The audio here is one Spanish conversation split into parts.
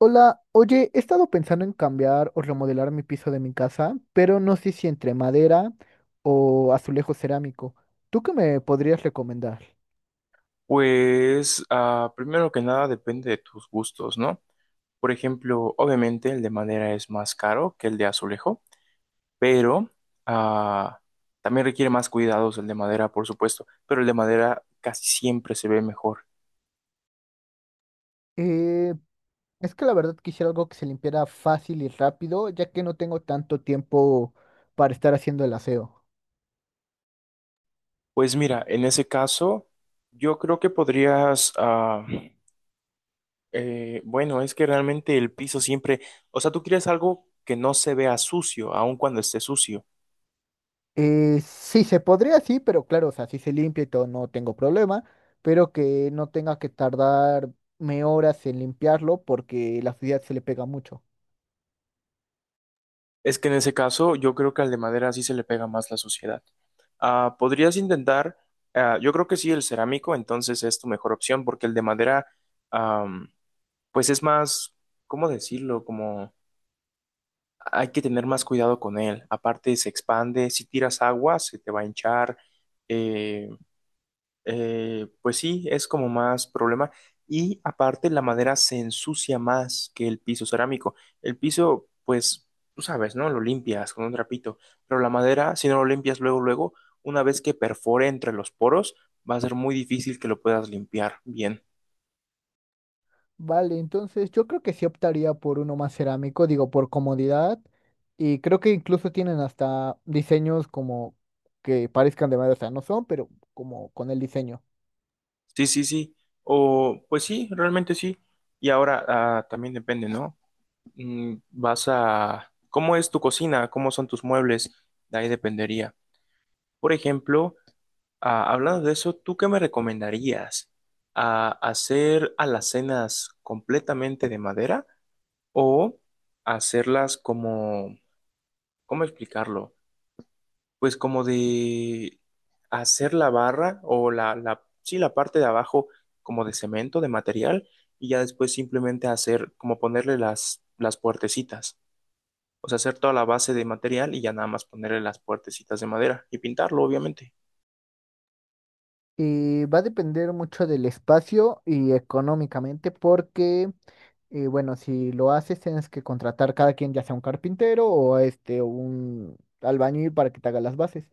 Hola, oye, he estado pensando en cambiar o remodelar mi piso de mi casa, pero no sé si entre madera o azulejo cerámico. ¿Tú qué me podrías recomendar? Pues, primero que nada depende de tus gustos, ¿no? Por ejemplo, obviamente el de madera es más caro que el de azulejo, pero ah, también requiere más cuidados el de madera, por supuesto, pero el de madera casi siempre se ve mejor. Eh, es que la verdad quisiera algo que se limpiara fácil y rápido, ya que no tengo tanto tiempo para estar haciendo el aseo. Pues mira, en ese caso, yo creo que podrías, bueno, es que realmente el piso siempre, o sea, tú quieres algo que no se vea sucio, aun cuando esté sucio. Sí, se podría, sí, pero claro, o sea, si se limpia y todo, no tengo problema, pero que no tenga que tardarme horas en limpiarlo porque la suciedad se le pega mucho. Es que en ese caso yo creo que al de madera sí se le pega más la suciedad. Podrías intentar, yo creo que sí, el cerámico, entonces es tu mejor opción porque el de madera, am, pues es más, ¿cómo decirlo? Como hay que tener más cuidado con él. Aparte se expande, si tiras agua se te va a hinchar, eh, pues sí, es como más problema. Y aparte la madera se ensucia más que el piso cerámico. El piso, pues, tú sabes, ¿no? Lo limpias con un trapito. Pero la madera, si no lo limpias luego, luego, una vez que perfore entre los poros, va a ser muy difícil que lo puedas limpiar bien. Vale, entonces yo creo que sí optaría por uno más cerámico, digo, por comodidad. Y creo que incluso tienen hasta diseños como que parezcan de madera, o sea, no son, pero como con el diseño. Sí, sí, sí. O, pues sí, realmente sí. Y ahora, también depende, ¿no? Mm, vas a... ¿Cómo es tu cocina? ¿Cómo son tus muebles? De ahí dependería. Por ejemplo... Ah, hablando de eso, ¿tú qué me recomendarías? ¿A hacer alacenas completamente de madera o hacerlas como, ¿cómo explicarlo? Pues como de hacer la barra o la, sí, la parte de abajo como de cemento, de material, y ya después simplemente hacer como ponerle las puertecitas. O sea, hacer toda la base de material y ya nada más ponerle las puertecitas de madera y pintarlo, obviamente. Y va a depender mucho del espacio y económicamente, porque, bueno, si lo haces, tienes que contratar cada quien, ya sea un carpintero o este, un albañil para que te haga las bases.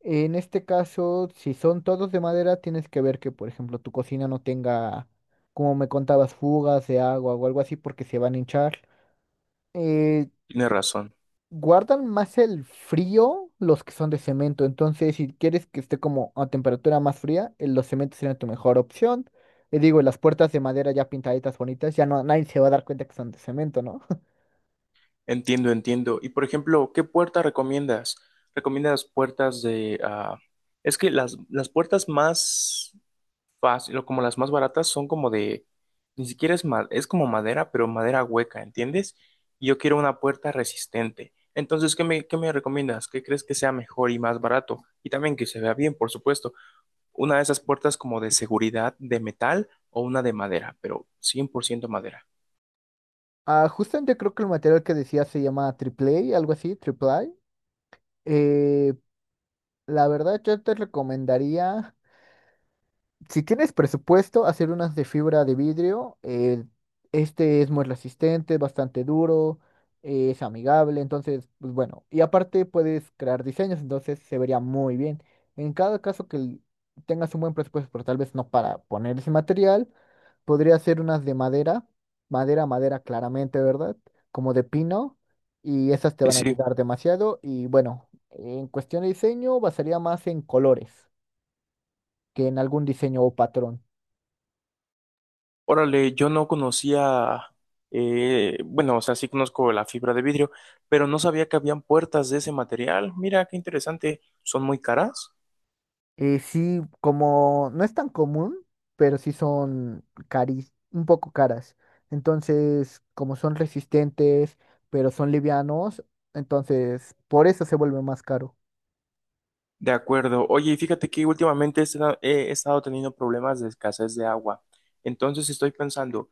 En este caso, si son todos de madera, tienes que ver que, por ejemplo, tu cocina no tenga, como me contabas, fugas de agua o algo así porque se van a hinchar. Eh, Tienes razón. Guardan más el frío los que son de cemento, entonces si quieres que esté como a temperatura más fría, los cementos serían tu mejor opción. Y digo, las puertas de madera ya pintaditas bonitas, ya no, nadie se va a dar cuenta que son de cemento, ¿no? Entiendo, entiendo. Y por ejemplo, ¿qué puerta recomiendas? ¿Recomiendas puertas de... es que las puertas más fáciles, como las más baratas, son como de... Ni siquiera es, es como madera, pero madera hueca, ¿entiendes? Y yo quiero una puerta resistente. Entonces, ¿qué me recomiendas? ¿Qué crees que sea mejor y más barato? Y también que se vea bien, por supuesto. Una de esas puertas como de seguridad de metal o una de madera, pero 100% madera. Ah, justamente creo que el material que decía se llama triple A, algo así, triple A. Eh, La verdad, yo te recomendaría. Si tienes presupuesto, hacer unas de fibra de vidrio. Este es muy resistente, bastante duro, es amigable, entonces, pues bueno. Y aparte puedes crear diseños, entonces se vería muy bien. En cada caso que tengas un buen presupuesto, pero tal vez no para poner ese material, podría hacer unas de madera, madera, madera claramente, ¿verdad? Como de pino, y esas te Sí, van a sí. ayudar demasiado. Y bueno, en cuestión de diseño, basaría más en colores que en algún diseño o patrón. Órale, yo no conocía, bueno, o sea, sí conozco la fibra de vidrio, pero no sabía que habían puertas de ese material. Mira, qué interesante. ¿Son muy caras? Sí, como no es tan común, pero sí son cari un poco caras. Entonces, como son resistentes, pero son livianos, entonces por eso se vuelve más caro. De acuerdo. Oye, y fíjate que últimamente he estado teniendo problemas de escasez de agua. Entonces estoy pensando,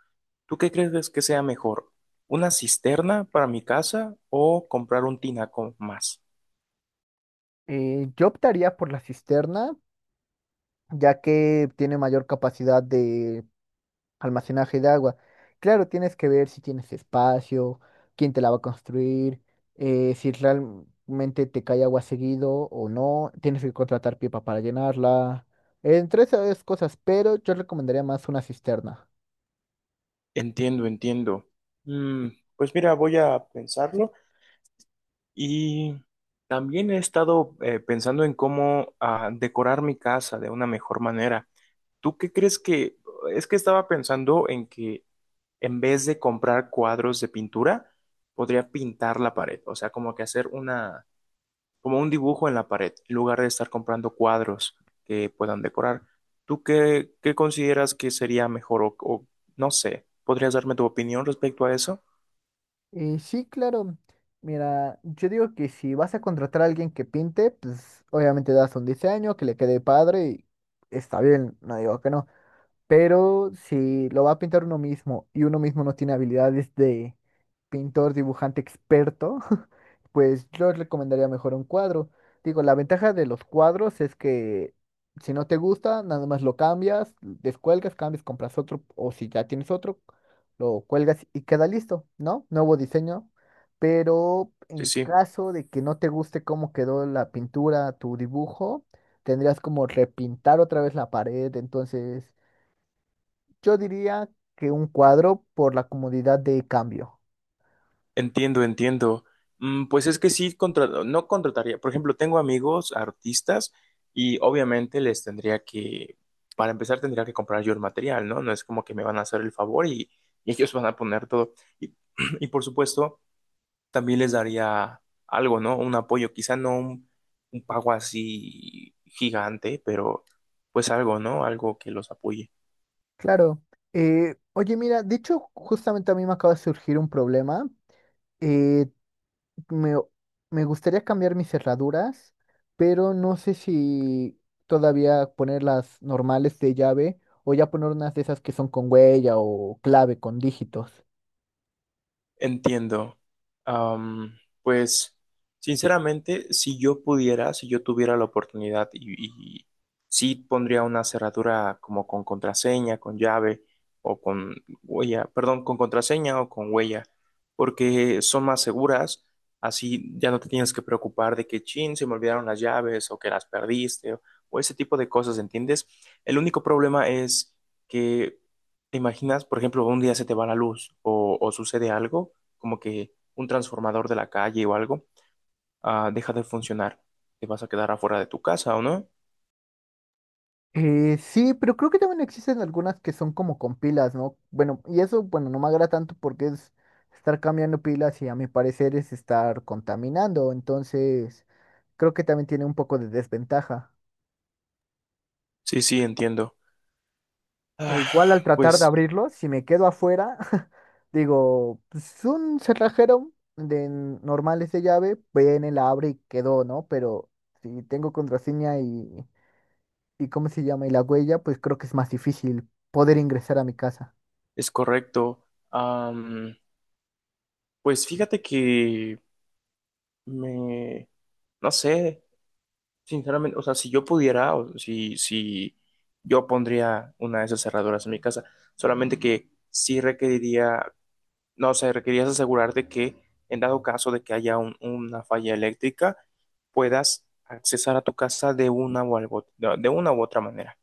¿tú qué crees que sea mejor? ¿Una cisterna para mi casa o comprar un tinaco más? Yo optaría por la cisterna, ya que tiene mayor capacidad de almacenaje de agua. Claro, tienes que ver si tienes espacio, quién te la va a construir, si realmente te cae agua seguido o no, tienes que contratar pipa para llenarla, entre esas cosas, pero yo recomendaría más una cisterna. Entiendo, entiendo. Mm, pues mira, voy a pensarlo. Y también he estado pensando en cómo decorar mi casa de una mejor manera. ¿Tú qué crees que... Es que estaba pensando en que en vez de comprar cuadros de pintura, podría pintar la pared. O sea, como que hacer una... como un dibujo en la pared, en lugar de estar comprando cuadros que puedan decorar. ¿Tú qué consideras que sería mejor o no sé? ¿Podrías darme tu opinión respecto a eso? Y sí, claro, mira, yo digo que si vas a contratar a alguien que pinte, pues obviamente das un diseño que le quede padre y está bien, no digo que no. Pero si lo va a pintar uno mismo y uno mismo no tiene habilidades de pintor, dibujante experto, pues yo recomendaría mejor un cuadro. Digo, la ventaja de los cuadros es que si no te gusta, nada más lo cambias, descuelgas, cambias, compras otro, o si ya tienes otro, lo cuelgas y queda listo, ¿no? Nuevo diseño. Pero Sí, en sí. caso de que no te guste cómo quedó la pintura, tu dibujo, tendrías como repintar otra vez la pared, entonces yo diría que un cuadro por la comodidad de cambio. Entiendo, entiendo. Mm, pues es que sí, no contrataría. Por ejemplo, tengo amigos artistas y obviamente les tendría que, para empezar, tendría que comprar yo el material, ¿no? No es como que me van a hacer el favor y ellos van a poner todo. Y, y por supuesto, también les daría algo, ¿no? Un apoyo, quizá no un, un pago así gigante, pero pues algo, ¿no? Algo que los apoye. Claro. Oye, mira, de hecho, justamente a mí me acaba de surgir un problema. Eh, me, Me gustaría cambiar mis cerraduras, pero no sé si todavía poner las normales de llave o ya poner unas de esas que son con huella o clave con dígitos. Entiendo. Am, pues, sinceramente, si yo pudiera, si yo tuviera la oportunidad y sí pondría una cerradura como con contraseña, con llave o con huella, perdón, con contraseña o con huella, porque son más seguras, así ya no te tienes que preocupar de que, chin, se me olvidaron las llaves o que las perdiste o ese tipo de cosas, ¿entiendes? El único problema es que, te imaginas, por ejemplo, un día se te va la luz o sucede algo como que un transformador de la calle o algo, deja de funcionar. Te vas a quedar afuera de tu casa, ¿o no? Sí, pero creo que también existen algunas que son como con pilas, ¿no? Bueno, y eso, bueno, no me agrada tanto porque es estar cambiando pilas y a mi parecer es estar contaminando, entonces creo que también tiene un poco de desventaja. Sí, sí, entiendo. E Ah, igual al tratar de pues abrirlo, si me quedo afuera, digo, pues un cerrajero de normales de llave, viene, la abre y quedó, ¿no? Pero si tengo contraseña y ¿cómo se llama? Y la huella, pues creo que es más difícil poder ingresar a mi casa. es correcto. Am, pues fíjate que me, no sé, sinceramente, o sea, si yo pudiera, o si yo pondría una de esas cerraduras en mi casa, solamente que sí requeriría. No, o sea, requerías asegurarte que en dado caso de que haya una falla eléctrica, puedas accesar a tu casa de una u otra manera.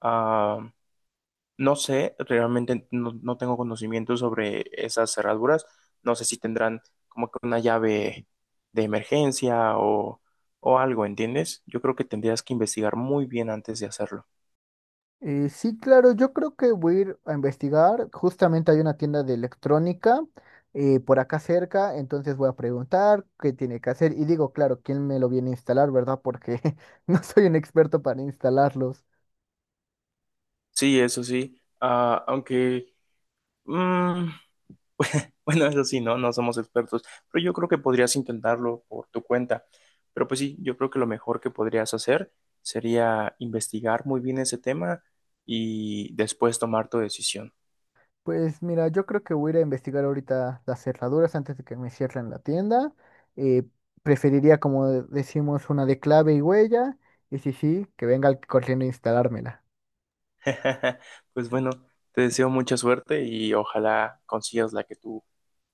Ah, no sé, realmente no, no tengo conocimiento sobre esas cerraduras. No sé si tendrán como que una llave de emergencia o algo, ¿entiendes? Yo creo que tendrías que investigar muy bien antes de hacerlo. Sí, claro, yo creo que voy a ir a investigar. Justamente hay una tienda de electrónica por acá cerca, entonces voy a preguntar qué tiene que hacer. Y digo, claro, quién me lo viene a instalar, ¿verdad? Porque no soy un experto para instalarlos. Sí, eso sí. Ah, aunque... mm, Bueno, eso sí, no, no somos expertos, pero yo creo que podrías intentarlo por tu cuenta. Pero pues sí, yo creo que lo mejor que podrías hacer sería investigar muy bien ese tema y después tomar tu decisión. Pues mira, yo creo que voy a ir a investigar ahorita las cerraduras antes de que me cierren la tienda. Eh, Preferiría, como decimos, una de clave y huella. Y sí, sí, que venga corriendo a instalármela. Pues bueno, te deseo mucha suerte y ojalá consigas la que tú,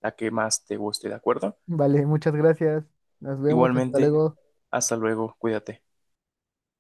la que más te guste, ¿de acuerdo? Vale, muchas gracias. Nos vemos, hasta Igualmente, luego. hasta luego, cuídate.